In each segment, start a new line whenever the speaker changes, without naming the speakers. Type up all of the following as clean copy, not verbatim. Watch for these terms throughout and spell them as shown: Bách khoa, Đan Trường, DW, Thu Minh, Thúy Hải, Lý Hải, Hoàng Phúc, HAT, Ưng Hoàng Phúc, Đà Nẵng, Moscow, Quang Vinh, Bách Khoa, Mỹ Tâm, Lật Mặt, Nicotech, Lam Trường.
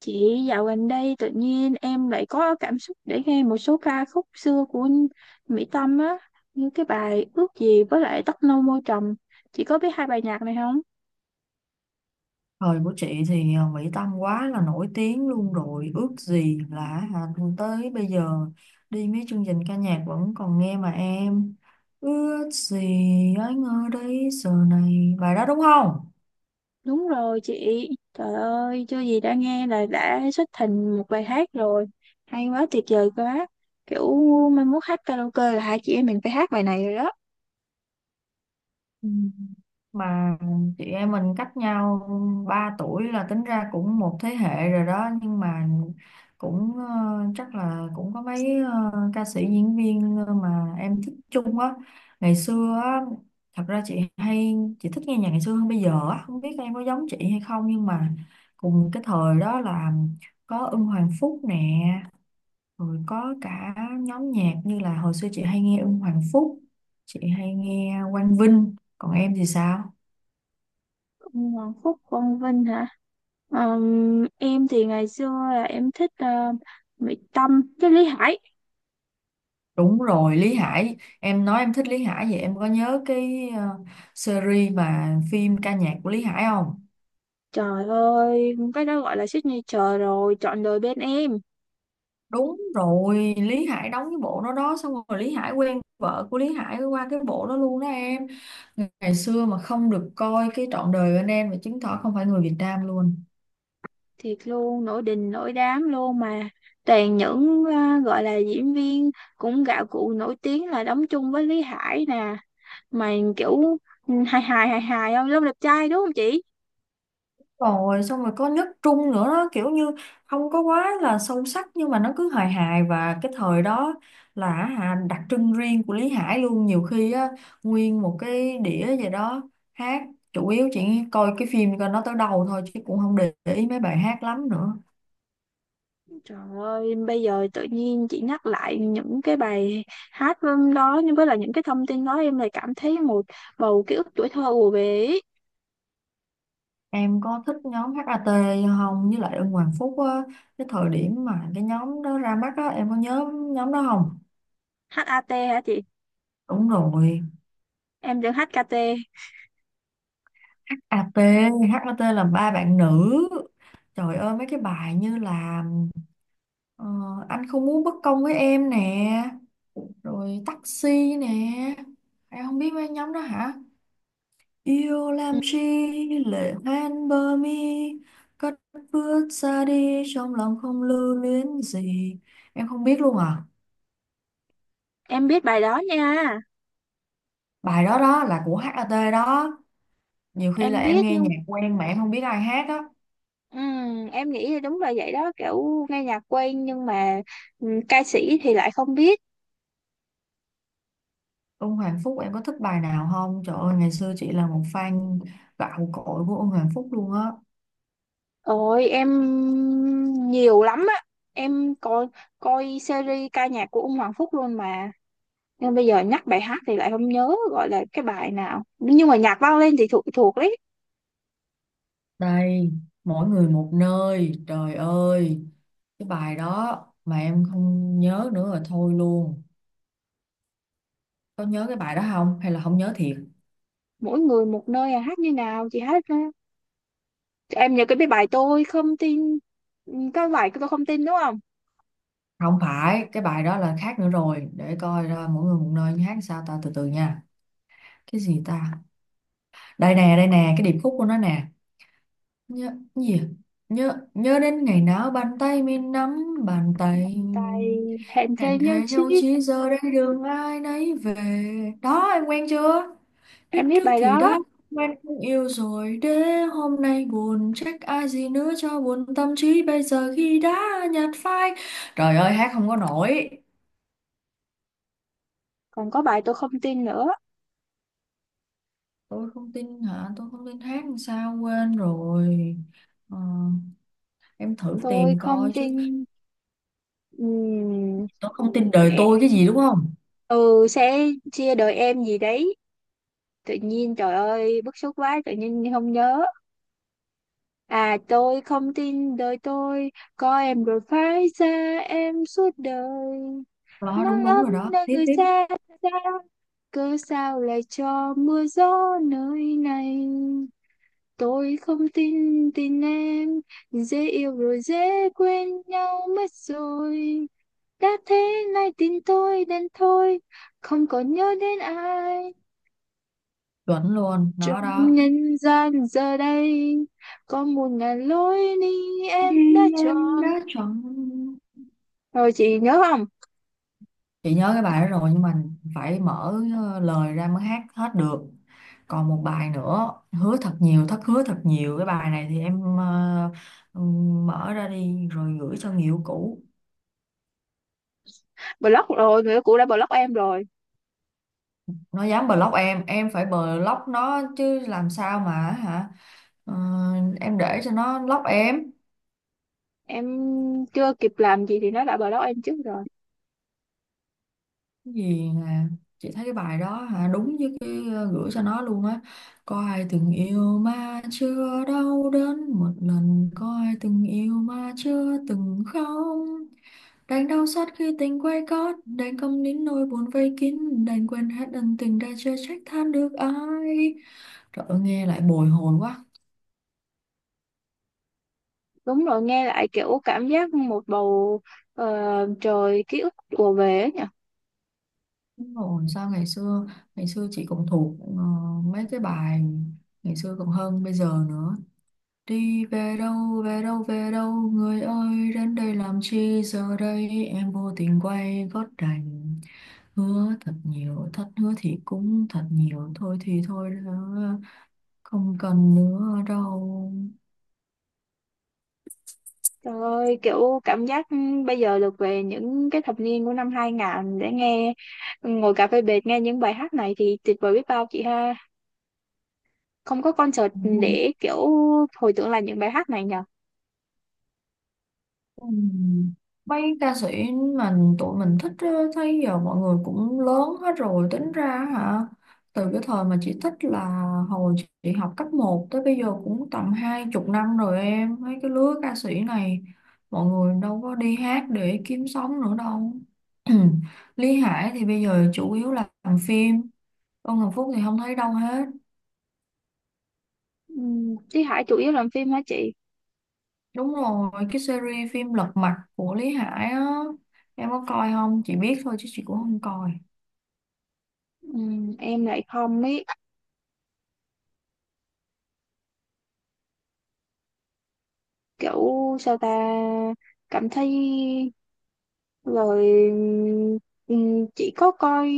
Chị dạo gần đây tự nhiên em lại có cảm xúc để nghe một số ca khúc xưa của Mỹ Tâm á, như cái bài Ước gì với lại Tóc nâu môi trầm. Chị có biết hai bài nhạc này không?
Thời của chị thì Mỹ Tâm quá là nổi tiếng luôn rồi. Ước gì là, à, tới bây giờ đi mấy chương trình ca nhạc vẫn còn nghe mà em. Ước gì anh ở đây giờ này, bài đó đúng không?
Đúng rồi chị. Trời ơi, chưa gì đã nghe là đã xuất thành một bài hát rồi. Hay quá, tuyệt vời quá. Kiểu mai mốt hát karaoke là hai chị em mình phải hát bài này rồi đó.
Ừ, mà chị em mình cách nhau 3 tuổi là tính ra cũng một thế hệ rồi đó, nhưng mà cũng chắc là cũng có mấy ca sĩ diễn viên mà em thích chung á, ngày xưa á. Thật ra chị hay, chị thích nghe nhạc ngày xưa hơn bây giờ á, không biết em có giống chị hay không, nhưng mà cùng cái thời đó là có Ưng Hoàng Phúc nè, rồi có cả nhóm nhạc. Như là hồi xưa chị hay nghe Ưng Hoàng Phúc, chị hay nghe Quang Vinh, còn em thì sao?
Hoàng Phúc, Quang Vinh hả? Em thì ngày xưa là em thích Mỹ Tâm với Lý Hải.
Đúng rồi, Lý Hải, em nói em thích Lý Hải. Vậy em có nhớ cái series mà phim ca nhạc của Lý Hải không?
Trời ơi, cái đó gọi là signature rồi, trọn đời bên em.
Đúng rồi, Lý Hải đóng cái bộ đó đó, xong rồi Lý Hải quen vợ của Lý Hải qua cái bộ đó luôn đó em. Ngày xưa mà không được coi cái Trọn đời bên em mà chứng tỏ không phải người Việt Nam luôn.
Thiệt luôn, nổi đình nổi đám luôn mà. Toàn những gọi là diễn viên cũng gạo cội nổi tiếng là đóng chung với Lý Hải nè. Mà kiểu hài hài hài hài không? Long đẹp trai đúng không chị?
Rồi xong rồi có nước Trung nữa đó, kiểu như không có quá là sâu sắc, nhưng mà nó cứ hài hài. Và cái thời đó là, hả, đặc trưng riêng của Lý Hải luôn. Nhiều khi á nguyên một cái đĩa gì đó hát, chủ yếu chỉ coi cái phim, coi nó tới đầu thôi, chứ cũng không để ý mấy bài hát lắm nữa.
Trời ơi, bây giờ tự nhiên chị nhắc lại những cái bài hát đó nhưng với là những cái thông tin đó em lại cảm thấy một bầu ký ức tuổi thơ ùa về ý.
Em có thích nhóm hát HAT không, với lại Ưng Hoàng Phúc á? Cái thời điểm mà cái nhóm đó ra mắt á, em có nhớ nhóm đó không?
HAT hả chị?
Đúng rồi,
Em đừng HKT.
HAT, HAT là ba bạn nữ. Trời ơi, mấy cái bài như là ờ, anh không muốn bất công với em nè, rồi taxi nè. Em không biết mấy nhóm đó hả? Yêu
Ừ.
làm chi lệ hoen bờ mi, cất bước xa đi trong lòng không lưu luyến gì. Em không biết luôn à?
Em biết bài đó nha.
Bài đó đó là của HAT đó. Nhiều khi là
Em
em
biết,
nghe
nhưng
nhạc quen mà em không biết ai hát á.
em nghĩ là đúng là vậy đó, kiểu nghe nhạc quen nhưng mà ca sĩ thì lại không biết.
Ông Hoàng Phúc em có thích bài nào không? Trời ơi, ngày xưa chị là một fan gạo cội của ông Hoàng Phúc luôn á.
Ôi em nhiều lắm á, em coi coi series ca nhạc của ông Hoàng Phúc luôn mà, nhưng bây giờ nhắc bài hát thì lại không nhớ gọi là cái bài nào, nhưng mà nhạc vang lên thì thuộc thuộc đấy.
Đây, Mỗi người một nơi, trời ơi. Cái bài đó mà em không nhớ nữa rồi thôi luôn. Có nhớ cái bài đó không? Hay là không nhớ thiệt?
Mỗi người một nơi à, hát như nào chị hát ra. Em nhớ cái bài tôi không tin. Cái bài tôi không tin đúng không?
Không phải, cái bài đó là khác nữa rồi. Để coi ra Mỗi người một nơi hát sao ta, từ từ nha. Cái gì ta? Đây nè, cái điệp khúc của nó nè. Nhớ gì à? Nhớ nhớ đến ngày nào bàn tay mình nắm bàn tay,
Bàn tay hẹn thề
hẹn
nhau
thề
chi.
nhau chỉ giờ đây đường ai nấy về. Đó em quen chưa? Biết
Em biết
trước
bài
thì
đó.
đã quen, không yêu rồi để hôm nay buồn, trách ai gì nữa cho buồn tâm trí bây giờ khi đã nhạt phai. Trời ơi, hát không có nổi.
Còn có bài tôi không tin nữa.
Tôi không tin hả? Tôi không tin hát làm sao, quên rồi. Ờ, em thử
Tôi
tìm
không
coi chứ.
tin. ừm,
Tôi không tin đời tôi
Nè.
cái gì đúng không?
Ừ sẽ chia đời em gì đấy. Tự nhiên trời ơi bức xúc quá, tự nhiên không nhớ. À, tôi không tin đời tôi, có em rồi phải xa em suốt đời.
Đó đúng,
Nắng
đúng
ấm
rồi đó,
nơi
tiếp
người
tiếp.
xa xa, cớ sao lại cho mưa gió nơi này. Tôi không tin tin em, dễ yêu rồi dễ quên nhau mất rồi. Đã thế nay tin tôi đến thôi, không còn nhớ đến ai.
Chuẩn luôn đó
Trong
đó.
nhân gian giờ đây, có 1.000 lối đi em đã
Vì em
chọn.
đã chọn.
Rồi chị nhớ không?
Chị nhớ cái bài đó rồi, nhưng mà phải mở lời ra mới hát hết được. Còn một bài nữa, Hứa thật nhiều thất hứa thật nhiều, cái bài này thì em mở ra đi rồi gửi cho người yêu cũ.
Block rồi, người yêu cũ đã block em rồi.
Nó dám block em phải block nó chứ, làm sao mà, hả? Ờ, em để cho nó block em.
Em chưa kịp làm gì thì nó đã block em trước rồi.
Cái gì nè, chị thấy cái bài đó hả, đúng với cái gửi cho nó luôn á. Có ai từng yêu mà chưa đau đớn một lần, có ai từng yêu mà chưa từng khóc, đành đau xót khi tình quay gót, đành câm nín nỗi buồn vây kín, đành quên hết ân tình đã chưa, trách than được ai. Trời ơi, nghe lại bồi hồi quá.
Đúng rồi, nghe lại kiểu cảm giác một bầu ờ, trời ký ức ùa về ấy.
Đúng rồi, sao ngày xưa, ngày xưa chị cũng thuộc mấy cái bài ngày xưa còn hơn bây giờ nữa. Đi về đâu, về đâu, về đâu người ơi, đến đây làm chi giờ đây, em vô tình quay gót đành. Hứa thật nhiều, thật hứa thì cũng thật nhiều, thôi thì thôi, đó, không cần nữa đâu.
Trời ơi, kiểu cảm giác bây giờ được về những cái thập niên của năm 2000 để nghe, ngồi cà phê bệt nghe những bài hát này thì tuyệt vời biết bao chị ha. Không có concert để kiểu hồi tưởng lại những bài hát này nhờ.
Ừm, Mấy ca sĩ mình, tụi mình thích á, thấy giờ mọi người cũng lớn hết rồi, tính ra, hả, từ cái thời mà chị thích là hồi chị học cấp một tới bây giờ cũng tầm hai chục năm rồi em. Mấy cái lứa ca sĩ này mọi người đâu có đi hát để kiếm sống nữa đâu. Lý Hải thì bây giờ chủ yếu là làm phim, Tôn Hồng Phúc thì không thấy đâu hết.
Thúy Hải chủ yếu làm phim hả chị?
Đúng rồi, cái series phim Lật Mặt của Lý Hải á, em có coi không? Chị biết thôi chứ chị cũng không coi,
Em lại không ấy, kiểu sao ta, cảm thấy rồi chỉ có coi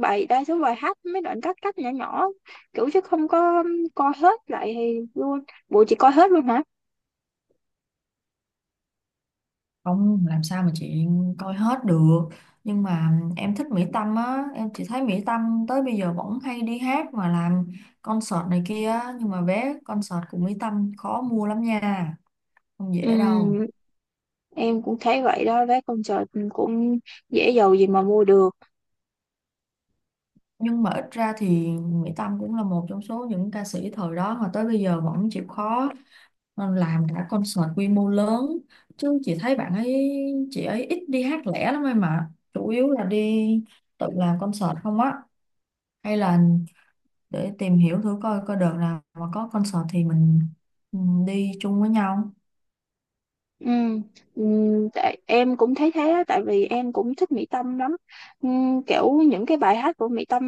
bài, đa số bài hát mấy đoạn cắt cắt nhỏ nhỏ kiểu, chứ không có coi hết lại luôn bộ, chỉ coi hết luôn hả?
không làm sao mà chị coi hết được. Nhưng mà em thích Mỹ Tâm á, em chỉ thấy Mỹ Tâm tới bây giờ vẫn hay đi hát mà làm concert này kia á, nhưng mà vé concert của Mỹ Tâm khó mua lắm nha, không dễ đâu.
Ừm, em cũng thấy vậy đó, vé concert cũng dễ giàu gì mà mua được.
Nhưng mà ít ra thì Mỹ Tâm cũng là một trong số những ca sĩ thời đó mà tới bây giờ vẫn chịu khó làm cả concert quy mô lớn. Chứ chị thấy bạn ấy, chị ấy ít đi hát lẻ lắm em, mà chủ yếu là đi tự làm concert không á. Hay là để tìm hiểu thử coi, coi đợt nào mà có concert thì mình, ừ, đi chung với nhau
Ừm, tại em cũng thấy thế á, tại vì em cũng thích Mỹ Tâm lắm. Kiểu những cái bài hát của Mỹ Tâm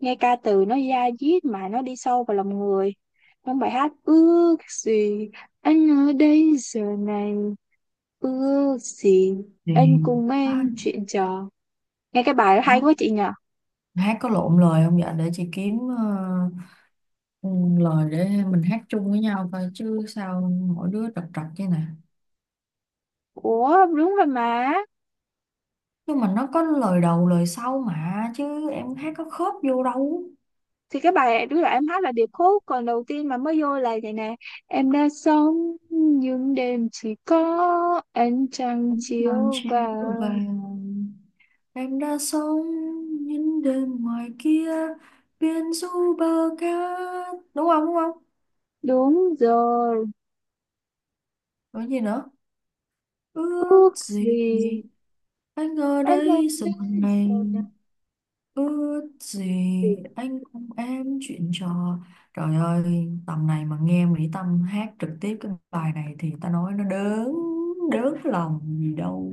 nghe ca từ nó da diết mà nó đi sâu vào lòng người. Trong bài hát ước gì, anh ở đây giờ này, ước gì
thì
anh cùng
đó.
em chuyện trò, nghe cái bài hay
Hát,
quá chị nhỉ.
hát có lộn lời không vậy, để chị kiếm ừ, lời để mình hát chung với nhau, coi chứ sao mỗi đứa trật trật chứ nè.
Ủa đúng rồi mà.
Nhưng mà nó có lời đầu lời sau mà, chứ em hát có khớp vô đâu.
Thì cái bài đứa là em hát là điệp khúc, còn đầu tiên mà mới vô là vậy nè: em đã sống những đêm chỉ có ánh trăng
Nắng
chiếu
chiều
vào.
vàng, em đã sống những đêm ngoài kia biển du bờ cát, đúng không, đúng không?
Đúng rồi.
Rồi gì nữa? Ước
Ước
gì
gì
anh ở
anh ở
đây giờ
đây giờ
này,
này.
ước gì anh cùng em chuyện trò. Trời ơi, tầm này mà nghe Mỹ Tâm hát trực tiếp cái bài này thì ta nói nó đớn, đớn lòng gì đâu.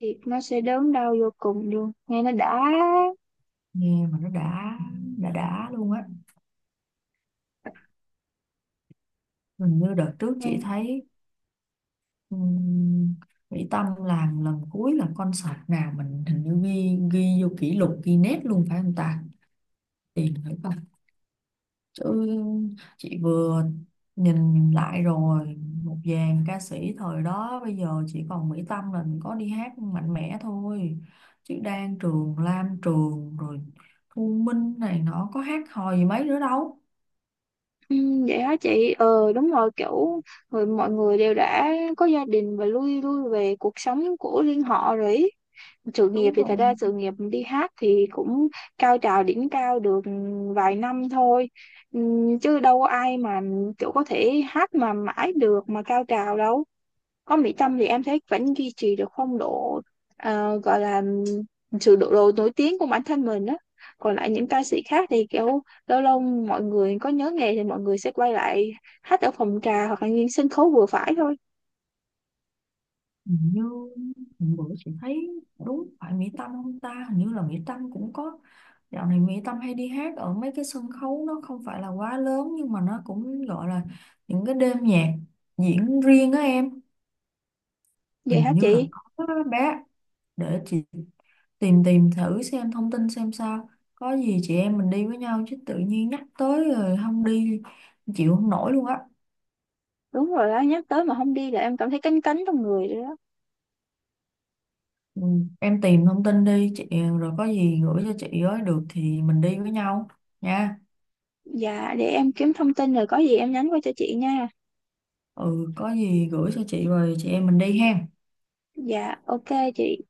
Thì nó sẽ đớn đau vô cùng luôn, nghe nó đã.
Nghe mà nó đã, đã luôn á. Hình như đợt trước
Ừ.
chị thấy, ừm, Mỹ Tâm làm lần cuối là concert nào, mình hình như ghi, vô kỷ lục Guinness luôn, phải không ta? Tiền phải. Tôi, chị vừa nhìn lại rồi, một dàn ca sĩ thời đó bây giờ chỉ còn Mỹ Tâm là mình có đi hát mạnh mẽ thôi, chứ Đan Trường, Lam Trường rồi Thu Minh này nó có hát hò gì mấy nữa đâu.
Ừ, vậy hả chị, đúng rồi kiểu người, mọi người đều đã có gia đình và lui lui về cuộc sống của riêng họ rồi ý. Sự nghiệp
Đúng
thì thật
rồi,
ra sự nghiệp đi hát thì cũng cao trào đỉnh cao được vài năm thôi. Ừ, chứ đâu có ai mà kiểu có thể hát mà mãi được mà cao trào đâu. Có Mỹ Tâm thì em thấy vẫn duy trì được phong độ, gọi là sự độ nổi tiếng của bản thân mình á. Còn lại những ca sĩ khác thì kiểu lâu lâu mọi người có nhớ nghề thì mọi người sẽ quay lại hát ở phòng trà hoặc là những sân khấu vừa phải thôi.
hình như hôm bữa chị thấy, đúng phải Mỹ Tâm không ta, hình như là Mỹ Tâm cũng có, dạo này Mỹ Tâm hay đi hát ở mấy cái sân khấu nó không phải là quá lớn, nhưng mà nó cũng gọi là những cái đêm nhạc diễn riêng á em.
Vậy
Hình
hả
như là
chị?
có đó bé, để chị tìm tìm thử xem thông tin xem sao. Có gì chị em mình đi với nhau, chứ tự nhiên nhắc tới rồi không đi chịu không nổi luôn á.
Đúng rồi đó, nhắc tới mà không đi là em cảm thấy cánh cánh trong người rồi đó.
Ừ, em tìm thông tin đi chị, rồi có gì gửi cho chị ấy được thì mình đi với nhau nha.
Dạ để em kiếm thông tin rồi có gì em nhắn qua cho chị nha.
Ừ, có gì gửi cho chị rồi chị em mình đi ha.
Dạ ok chị.